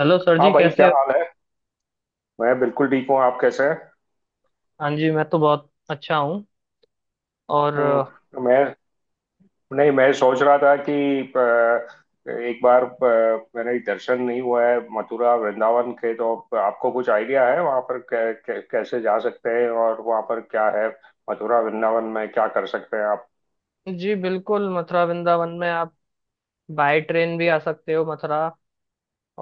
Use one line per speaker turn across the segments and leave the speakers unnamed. Hello sir
हाँ
जी,
भाई,
कैसे
क्या
हो?
हाल है। मैं बिल्कुल ठीक हूँ। आप कैसे हैं।
हाँ जी, मैं तो बहुत अच्छा हूँ। और
मैं, नहीं मैं सोच रहा था कि एक बार मैंने दर्शन नहीं हुआ है मथुरा वृंदावन के, तो आपको कुछ आइडिया है वहाँ पर कै, कै, कैसे जा सकते हैं और वहाँ पर क्या है। मथुरा वृंदावन में क्या कर सकते हैं आप।
जी बिल्कुल, मथुरा वृंदावन में आप बाय ट्रेन भी आ सकते हो मथुरा।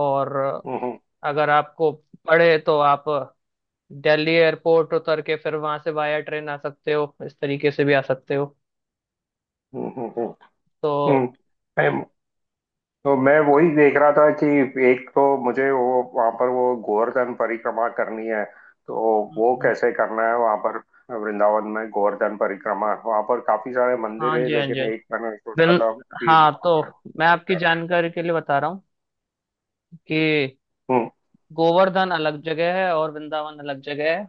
और
हम्म। हम्म।
अगर आपको पड़े तो आप दिल्ली एयरपोर्ट उतर के फिर वहां से बाय ट्रेन आ सकते हो, इस तरीके से भी आ सकते हो।
हम्म। हम्म। हम्म,
तो
हम्म। तो मैं वही देख रहा था कि एक तो मुझे वो वहां पर वो गोवर्धन परिक्रमा करनी है। तो वो
हम्म,
कैसे करना है वहां पर। वृंदावन में गोवर्धन परिक्रमा, वहां पर काफी सारे मंदिर
हाँ
है,
जी, हाँ जी,
लेकिन
हाँ जी।
एक मैंने सोचा
बिल
था कि
हाँ
वहाँ
तो
पर-
मैं आपकी जानकारी के लिए बता रहा हूँ कि
हम्म।
गोवर्धन अलग जगह है और वृंदावन अलग जगह है।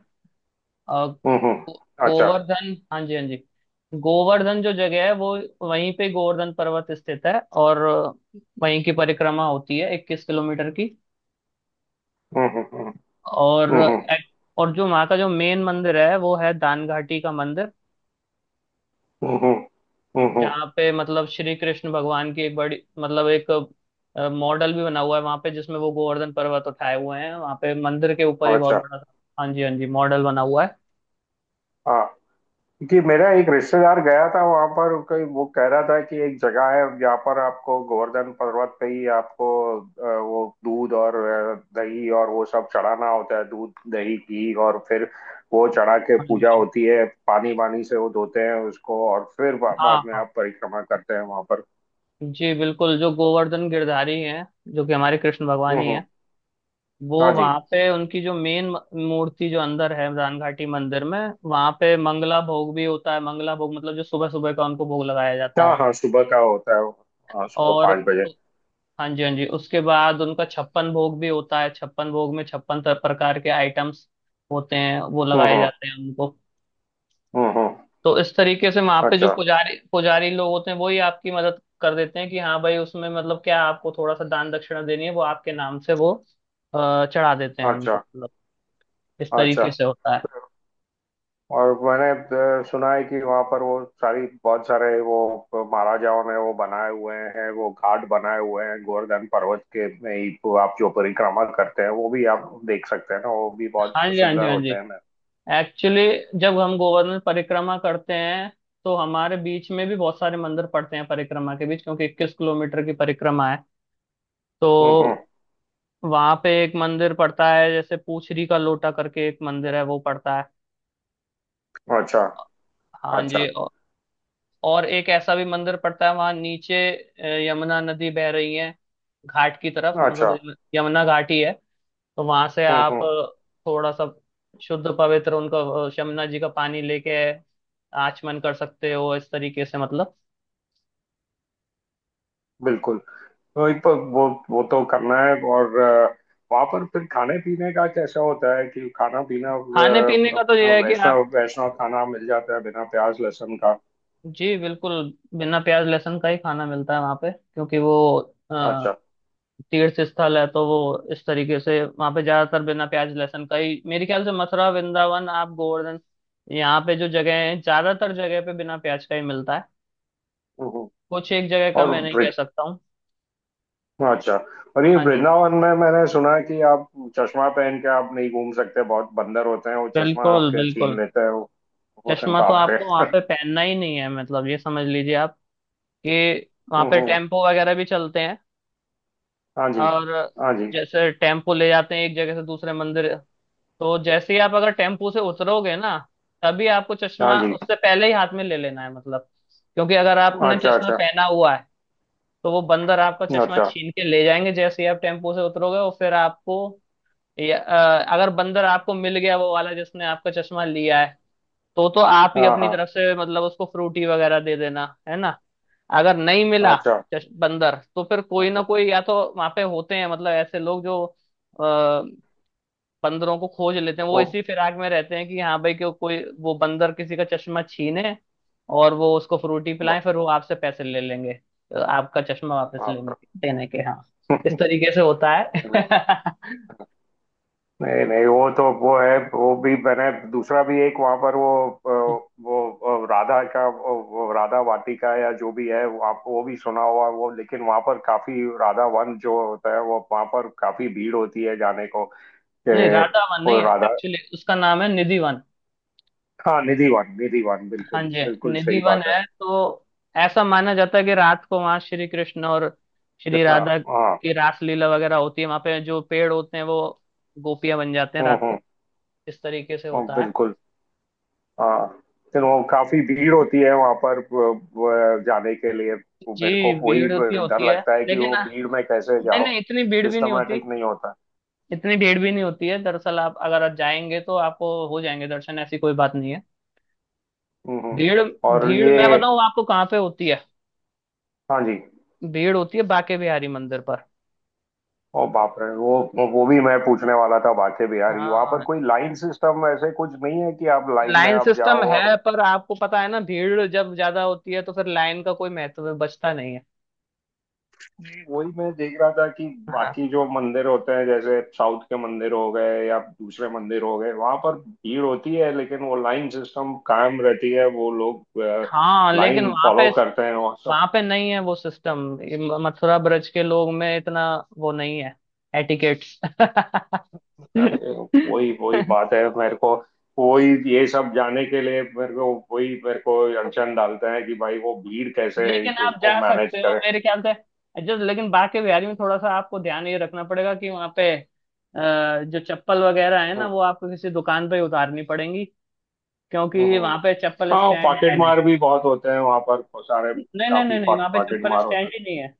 अ,
हम्म।
गो-
अच्छा।
गोवर्धन, हाँ जी, हाँ जी। गोवर्धन जो जगह है वो, वहीं पे गोवर्धन पर्वत स्थित है। और वहीं की परिक्रमा होती है, 21 किलोमीटर की।
हम्म। हम्म। हम्म।
और
हम्म। हम्म।
एक- और जो वहाँ का जो मेन मंदिर है, वो है दान घाटी का मंदिर।
हम्म। हम्म, हम्म,
जहाँ पे मतलब श्री कृष्ण भगवान की एक बड़ी, मतलब एक मॉडल भी बना हुआ है वहाँ पे, जिसमें वो गोवर्धन पर्वत उठाए हुए हैं, वहाँ पे मंदिर के ऊपर ही बहुत
अच्छा।
बड़ा सा। हाँ जी, हाँ जी, मॉडल बना हुआ है।
हाँ, कि मेरा एक रिश्तेदार गया था वहां पर, कोई वो कह रहा था कि एक जगह है जहाँ पर आपको गोवर्धन पर्वत पे ही आपको वो दूध और दही और वो सब चढ़ाना होता है, दूध दही घी, और फिर वो चढ़ा के
हाँ जी, हाँ
पूजा
जी।
होती है, पानी वानी से वो धोते हैं उसको, और फिर
हाँ,
बाद में
हाँ।
आप परिक्रमा करते हैं वहां पर।
जी बिल्कुल, जो गोवर्धन गिरधारी हैं, जो कि हमारे कृष्ण भगवान
हम्म।
ही
हम्म।
हैं। वो
हाँ जी।
वहां पे उनकी जो मेन मूर्ति जो अंदर है रान घाटी मंदिर में, वहां पे मंगला भोग भी होता है। मंगला भोग मतलब जो सुबह सुबह का उनको भोग लगाया जाता
हाँ,
है।
हाँ सुबह का होता है वो। हाँ, सुबह
और
5 बजे।
हाँ जी, हाँ जी, उसके बाद उनका छप्पन भोग भी होता है। छप्पन भोग में छप्पन प्रकार के आइटम्स होते हैं, वो
हम्म।
लगाए
हम्म।
जाते हैं उनको।
हम्म। हम्म।
तो इस तरीके से वहां पे जो
अच्छा।
पुजारी पुजारी लोग होते हैं, वही आपकी मदद कर देते हैं कि हाँ भाई, उसमें मतलब क्या आपको थोड़ा सा दान दक्षिणा देनी है, वो आपके नाम से वो चढ़ा देते हैं उनको,
अच्छा।
मतलब इस तरीके
अच्छा।
से होता है।
और मैंने सुना है कि वहां पर वो सारी, बहुत सारे वो महाराजाओं ने वो बनाए हुए हैं, वो घाट बनाए हुए हैं गोवर्धन पर्वत के में ही, तो आप जो परिक्रमा करते हैं वो भी आप देख सकते हैं ना, वो भी बहुत
हाँ जी, हाँ जी,
सुंदर
हाँ जी।
होते हैं ना।
एक्चुअली जब हम गोवर्धन परिक्रमा करते हैं तो हमारे बीच में भी बहुत सारे मंदिर पड़ते हैं परिक्रमा के बीच, क्योंकि 21 किलोमीटर की परिक्रमा है।
हम्म। हम्म।
तो वहां पे एक मंदिर पड़ता है, जैसे पूछरी का लोटा करके एक मंदिर है, वो पड़ता है।
अच्छा।
हाँ
अच्छा।
जी। और एक ऐसा भी मंदिर पड़ता है, वहां नीचे यमुना नदी बह रही है घाट की तरफ,
अच्छा।
मतलब यमुना घाट ही है। तो वहां से
हम्म।
आप
हम्म।
थोड़ा सा शुद्ध पवित्र उनका यमुना जी का पानी लेके आचमन कर सकते हो, इस तरीके से मतलब।
बिल्कुल। तो एक तो वो तो करना है, और वहाँ पर फिर खाने पीने का कैसा होता है, कि खाना पीना
खाने पीने का तो
अपना
यह है कि
वैष्णव
आप,
वैष्णव खाना मिल जाता है बिना प्याज लहसुन का।
जी बिल्कुल, बिना प्याज लहसुन का ही खाना मिलता है वहां पे, क्योंकि वो
अच्छा।
तीर्थ स्थल है, तो वो इस तरीके से वहां पे ज्यादातर बिना प्याज लहसुन का ही, मेरे ख्याल से मथुरा वृंदावन, आप गोवर्धन, यहाँ पे जो जगह है, ज्यादातर जगह पे बिना प्याज का ही मिलता है।
हम्म। हम्म।
कुछ एक जगह का
और
मैं नहीं कह
ब्रे,
सकता हूँ।
अच्छा। और ये
हाँ जी,
वृंदावन में मैंने सुना है कि आप चश्मा पहन के आप नहीं घूम सकते, बहुत बंदर होते हैं, वो चश्मा
बिल्कुल
आपके
बिल्कुल।
छीन लेते हैं वो। वो है,
चश्मा तो
बाप
आपको वहां
रे।
पे पहनना ही नहीं है, मतलब ये समझ लीजिए आप कि वहां
हम्म।
पे
हम्म।
टेम्पो वगैरह भी चलते हैं।
हाँ जी।
और
हाँ जी।
जैसे टेम्पो ले जाते हैं एक जगह से दूसरे मंदिर, तो जैसे ही आप अगर टेम्पू से उतरोगे ना, तभी आपको
हाँ
चश्मा
जी।
उससे पहले ही हाथ में ले लेना है, मतलब क्योंकि अगर आपने
अच्छा।
चश्मा
अच्छा।
पहना हुआ है तो वो बंदर आपका चश्मा
अच्छा।
छीन के ले जाएंगे जैसे ही आप टेम्पू से उतरोगे। और फिर आपको या, अगर बंदर आपको मिल गया वो वाला जिसने आपका चश्मा लिया है, तो आप ही
हाँ।
अपनी
हाँ।
तरफ से मतलब उसको फ्रूटी वगैरह दे देना है ना। अगर नहीं मिला
अच्छा।
बंदर, तो फिर कोई ना
अच्छा।
कोई या तो वहां पे होते हैं, मतलब ऐसे लोग जो अ, बंदरों को खोज लेते हैं, वो
ओ,
इसी फिराक में रहते हैं कि हाँ भाई, क्यों कोई वो बंदर किसी का चश्मा छीने और वो उसको फ्रूटी पिलाएं,
बा-
फिर वो आपसे पैसे ले लेंगे तो आपका चश्मा वापस लेने
बाप
के, देने के, हाँ इस तरीके से होता है।
रे, नहीं। नहीं, नहीं, वो तो वो है, वो भी मैंने दूसरा भी एक वहां पर वो अ, वो राधा का वो राधा वाटिका या जो भी है वो, आप वो भी सुना हुआ वो, लेकिन वहां पर काफी राधा वन जो होता है वो वहां पर काफी भीड़ होती है जाने को।
नहीं,
ए,
राधा वन नहीं
वो
है,
राधा,
एक्चुअली उसका नाम है निधि वन।
हाँ निधि वन। निधि वन,
हाँ
बिल्कुल
जी।
बिल्कुल
निधि
सही
वन
बात है।
है, तो ऐसा माना जाता है कि रात को वहाँ श्री कृष्ण और श्री
हाँ।
राधा
हाँ।
की रास लीला वगैरह होती है, वहाँ पे जो पेड़ होते हैं वो गोपियां बन जाते हैं
हम्म।
रात को।
हम्म।
इस तरीके से होता है।
बिल्कुल। हाँ। फिर वो काफी भीड़ होती है वहां पर, जाने के लिए। वो
जी,
मेरे को वही
भीड़ होती
डर
होती है।
लगता है कि
लेकिन
वो भीड़ में कैसे
नहीं
जाओ।
नहीं, इतनी भीड़ भी नहीं होती।
सिस्टमेटिक नहीं होता।
इतनी भीड़ भी नहीं होती है दरअसल, आप अगर आप जाएंगे तो आपको हो जाएंगे दर्शन, ऐसी कोई बात नहीं है।
हम्म।
भीड़
और
भीड़
ये,
मैं बताऊं आपको कहाँ पे होती है।
हाँ जी।
भीड़ होती है बाके बिहारी मंदिर पर।
ओ बाप रे, वो भी मैं पूछने वाला था, बाके बिहारी वहां पर
हाँ,
कोई लाइन सिस्टम ऐसे कुछ नहीं है, कि आप लाइन में
लाइन
आप
सिस्टम
जाओ। और
है पर आपको पता है ना, भीड़ जब ज्यादा होती है तो फिर लाइन का कोई महत्व बचता नहीं है।
वही मैं देख रहा था कि
हाँ
बाकी जो मंदिर होते हैं, जैसे साउथ के मंदिर हो गए या दूसरे मंदिर हो गए, वहां पर भीड़ होती है, लेकिन वो लाइन सिस्टम कायम रहती है, वो लोग
हाँ, लेकिन
लाइन
वहां पे
फॉलो करते हैं और सब।
वहां पे नहीं है वो सिस्टम। मथुरा ब्रज के लोग में इतना वो नहीं है, एटिकेट।
वही वही
लेकिन
बात है मेरे को, वही। ये सब जाने के लिए मेरे को, वही मेरे को अड़चन डालते हैं कि भाई वो भीड़ कैसे
आप
इसको
जा
मैनेज
सकते हो
करें।
मेरे ख्याल से जस्ट। लेकिन बाके बिहारी में थोड़ा सा आपको ध्यान ये रखना पड़ेगा कि वहाँ पे जो चप्पल वगैरह है ना,
हम्म,
वो आपको किसी दुकान पे ही उतारनी पड़ेंगी, क्योंकि
हम्म।
वहाँ पे चप्पल
हाँ,
स्टैंड
पॉकेट
है नहीं।
मार भी बहुत होते हैं वहां पर सारे,
नहीं नहीं
काफी
नहीं नहीं, वहाँ पे
पॉकेट
चप्पल
मार होते
स्टैंड
हैं।
ही नहीं है।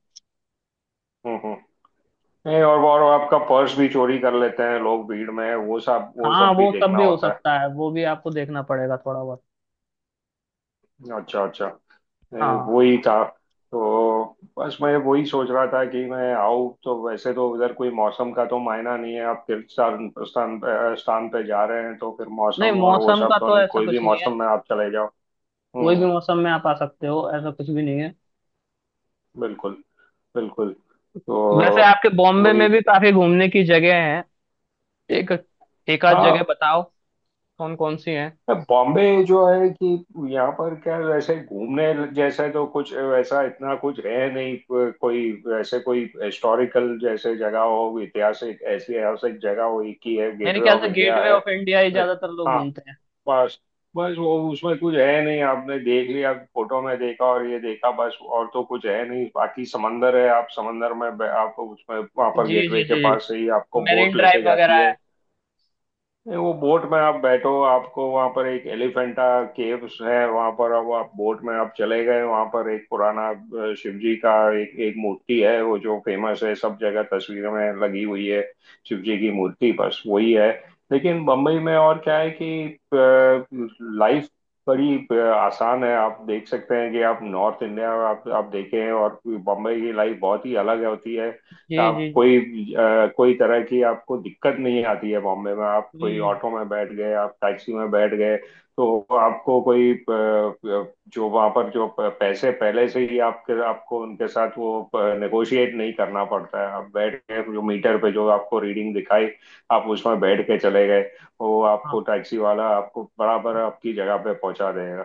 हम्म। हम्म। नहीं, और आपका पर्स भी चोरी कर लेते हैं लोग भीड़ में, वो
हाँ,
सब भी
वो सब
देखना
भी हो
होता है।
सकता है, वो भी आपको देखना पड़ेगा थोड़ा बहुत।
अच्छा। अच्छा।
हाँ,
वही था। तो बस मैं वही सोच रहा था कि मैं आऊँ, तो वैसे तो उधर कोई मौसम का तो मायना नहीं है, आप तीर्थ स्थान स्थान पे जा रहे हैं, तो फिर
नहीं
मौसम और वो
मौसम
सब
का
तो
तो
नहीं,
ऐसा
कोई भी
कुछ नहीं है,
मौसम में आप चले जाओ।
कोई भी
हम्म।
मौसम में आप आ सकते हो, ऐसा कुछ भी नहीं है।
बिल्कुल। बिल्कुल। तो
वैसे आपके बॉम्बे
वही।
में भी काफी घूमने की जगह है। एक, एक आध जगह
हाँ।
बताओ, कौन कौन सी हैं?
बॉम्बे जो है, कि यहाँ पर क्या वैसे घूमने जैसे तो कुछ वैसा इतना कुछ है नहीं, कोई वैसे, कोई हिस्टोरिकल जैसे जगह हो, ऐतिहासिक ऐतिहासिक जगह हो, एक ही है,
मेरे
गेटवे
ख्याल
ऑफ
से
इंडिया
गेटवे
है।
ऑफ इंडिया ही ज्यादातर लोग
हाँ।
घूमते हैं।
बस। बस वो उसमें कुछ है नहीं, आपने देख लिया फोटो में, देखा और ये देखा, बस और तो कुछ है नहीं, बाकी समंदर है, आप समंदर में आप उसमें वहां पर
जी
गेटवे
जी
के
जी
पास से ही
जी,
आपको
मेरीन
बोट लेके
ड्राइव
जाती
वगैरह है।
है। नहीं, वो बोट में आप बैठो, आपको वहां पर एक एलिफेंटा केव्स है वहां पर, अब आप बोट में आप चले गए वहां पर, एक पुराना शिव जी का एक एक मूर्ति है, वो जो फेमस है सब जगह तस्वीरों में लगी हुई है, शिव जी की मूर्ति, बस वही है। लेकिन बम्बई में और क्या है कि लाइफ बड़ी आसान है, आप देख सकते हैं कि आप नॉर्थ इंडिया आप देखें, और बम्बई की लाइफ बहुत ही अलग होती है।
जी
आप
जी जी,
कोई कोई तरह की आपको दिक्कत नहीं आती है बॉम्बे में, आप कोई
हम्म,
ऑटो में बैठ गए, आप टैक्सी में बैठ गए, तो आपको कोई जो वहां पर जो पैसे पहले से ही आपके, आपको उनके साथ वो नेगोशिएट नहीं करना पड़ता है, आप बैठ गए जो मीटर पे जो आपको रीडिंग दिखाई, आप उसमें बैठ के चले गए, वो
हाँ
आपको टैक्सी वाला आपको बराबर आपकी जगह पे पहुंचा देगा।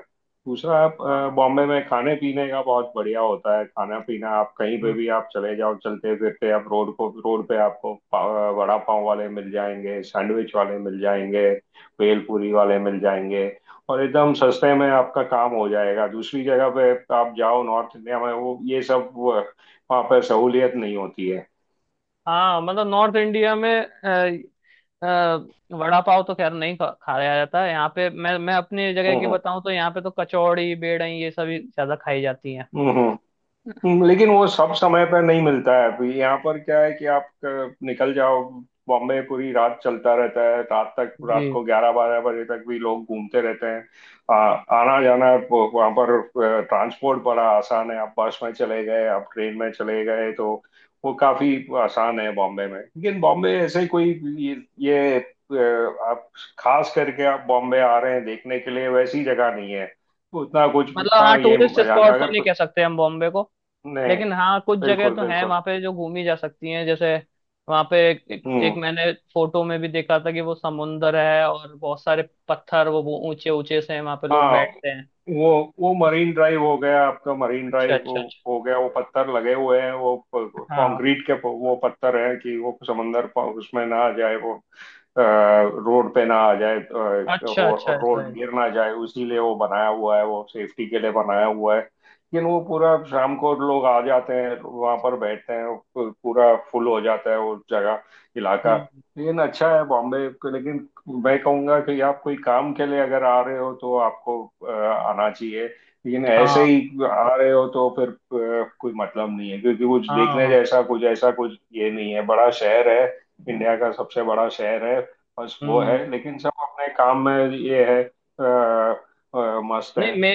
दूसरा, आप
हाँ,
बॉम्बे में खाने पीने का बहुत बढ़िया होता है, खाना पीना आप कहीं पे
हम्म।
भी आप चले जाओ चलते फिरते, आप रोड पे आपको वड़ा पाव वाले मिल जाएंगे, सैंडविच वाले मिल जाएंगे, भेल पूरी वाले मिल जाएंगे, और एकदम सस्ते में आपका काम हो जाएगा। दूसरी जगह पे आप जाओ नॉर्थ इंडिया में, वो ये सब वो- वहाँ पे सहूलियत नहीं होती है।
हाँ, मतलब नॉर्थ इंडिया में, वड़ा पाव तो खैर नहीं खाया जाता है यहाँ पे, मैं अपनी जगह की
हम्म।
बताऊँ तो यहाँ पे तो कचौड़ी बेड़ई ये सभी ज्यादा खाई जाती हैं।
हम्म। हम्म। हम्म। लेकिन वो सब समय पर नहीं मिलता है, अभी यहाँ पर क्या है कि आप निकल जाओ, बॉम्बे पूरी रात चलता रहता है, रात तक,
जी,
रात को 11-12 बजे तक भी लोग घूमते रहते हैं। आ, आना जाना वो- वहाँ पर ट्रांसपोर्ट बड़ा आसान है, आप बस में चले गए, आप ट्रेन में चले गए, तो वो काफी आसान है बॉम्बे में। लेकिन बॉम्बे ऐसे कोई ये, ये अ, आप, खास करके आप बॉम्बे आ रहे हैं देखने के लिए, वैसी जगह नहीं है, उतना कुछ
मतलब
उतना
हाँ
ये
टूरिस्ट
मजा नहीं-
स्पॉट तो
अगर
नहीं
कुछ
कह सकते हम बॉम्बे को,
नहीं,
लेकिन हाँ कुछ जगह
बिल्कुल।
तो हैं
बिल्कुल।
वहाँ पे जो घूमी जा सकती हैं। जैसे वहाँ पे एक,
हम्म।
मैंने फोटो में भी देखा था कि वो समुंदर है और बहुत सारे पत्थर, वो ऊंचे ऊंचे से हैं, वहाँ पे लोग
हाँ,
बैठते हैं।
वो वो मरीन ड्राइव हो गया आपका, मरीन
अच्छा
ड्राइव
अच्छा अच्छा,
हो गया, वो पत्थर लगे हुए हैं वो
हाँ,
कंक्रीट के वो पत्थर हैं कि वो समंदर उसमें ना आ जाए, वो रोड पे ना आ जाए,
अच्छा अच्छा,
रोड
ऐसा
रोड
है।
गिर ना जाए, उसीलिए वो बनाया हुआ है, वो सेफ्टी के लिए बनाया हुआ है। लेकिन वो पूरा शाम को लोग आ जाते हैं वहां पर बैठते हैं, वो पूरा फुल हो जाता है वो जगह, इलाका।
हम्म,
लेकिन अच्छा है बॉम्बे को, लेकिन मैं कहूंगा कि आप कोई काम के लिए अगर आ रहे हो तो आपको आना चाहिए, लेकिन ऐसे
हाँ
ही आ रहे हो तो फिर कोई मतलब नहीं है, क्योंकि कुछ
हाँ
देखने
हाँ,
जैसा कुछ ऐसा कुछ ये नहीं है, बड़ा शहर है, इंडिया का सबसे बड़ा शहर है, बस वो है,
हम्म।
लेकिन सब अपने काम में ये है, मस्त है
नहीं मे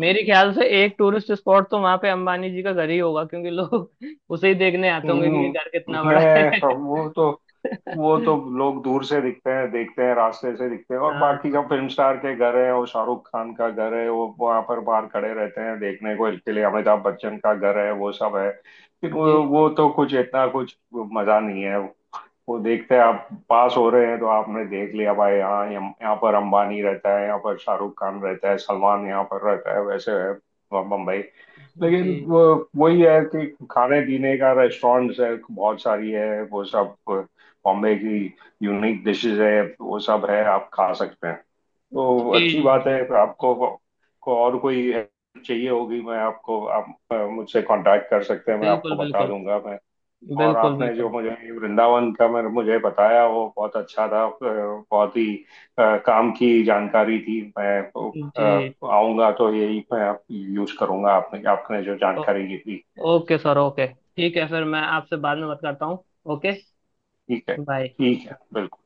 मेरे ख्याल से एक टूरिस्ट स्पॉट तो वहाँ पे अंबानी जी का घर ही होगा, क्योंकि लोग उसे ही देखने आते होंगे कि ये
हम्म,
घर कितना बड़ा है।
नहीं, वो तो लोग दूर से दिखते हैं, देखते हैं, रास्ते से दिखते हैं, और बाकी
हाँ,
जो फिल्म स्टार के घर है, वो शाहरुख खान का घर है, वो वहां पर बाहर खड़े रहते हैं देखने को इसके लिए, अमिताभ बच्चन का घर है, वो सब है, लेकिन
जी
वो
जी
वो तो कुछ इतना कुछ मजा नहीं है। वो देखते हैं आप पास हो रहे हैं, तो आपने देख लिया भाई यहाँ यहाँ पर अंबानी रहता है, यहाँ पर शाहरुख खान रहता है, सलमान यहाँ पर रहता है, वैसे है बम्बई।
जी जी
लेकिन वो वही है कि खाने पीने का रेस्टोरेंट्स है बहुत सारी है, वो सब बॉम्बे की यूनिक डिशेस है, वो सब है आप खा सकते हैं, तो अच्छी बात
जी
है। आपको, को और कोई help चाहिए होगी, मैं आपको, आप मुझसे कांटेक्ट कर
जी,
सकते हैं, मैं आपको
बिल्कुल
बता
बिल्कुल,
दूंगा। और
बिल्कुल
आपने जो
बिल्कुल।
मुझे वृंदावन का मेरे मुझे बताया वो बहुत अच्छा था, बहुत ही काम की जानकारी थी, मैं
जी,
आऊंगा तो यही मैं यूज करूंगा आपने आपने जो
ओ,
जानकारी दी थी।
ओके सर, ओके ठीक है, फिर मैं आपसे बाद में बात करता हूँ। ओके,
ठीक है,
बाय।
ठीक है, बिल्कुल।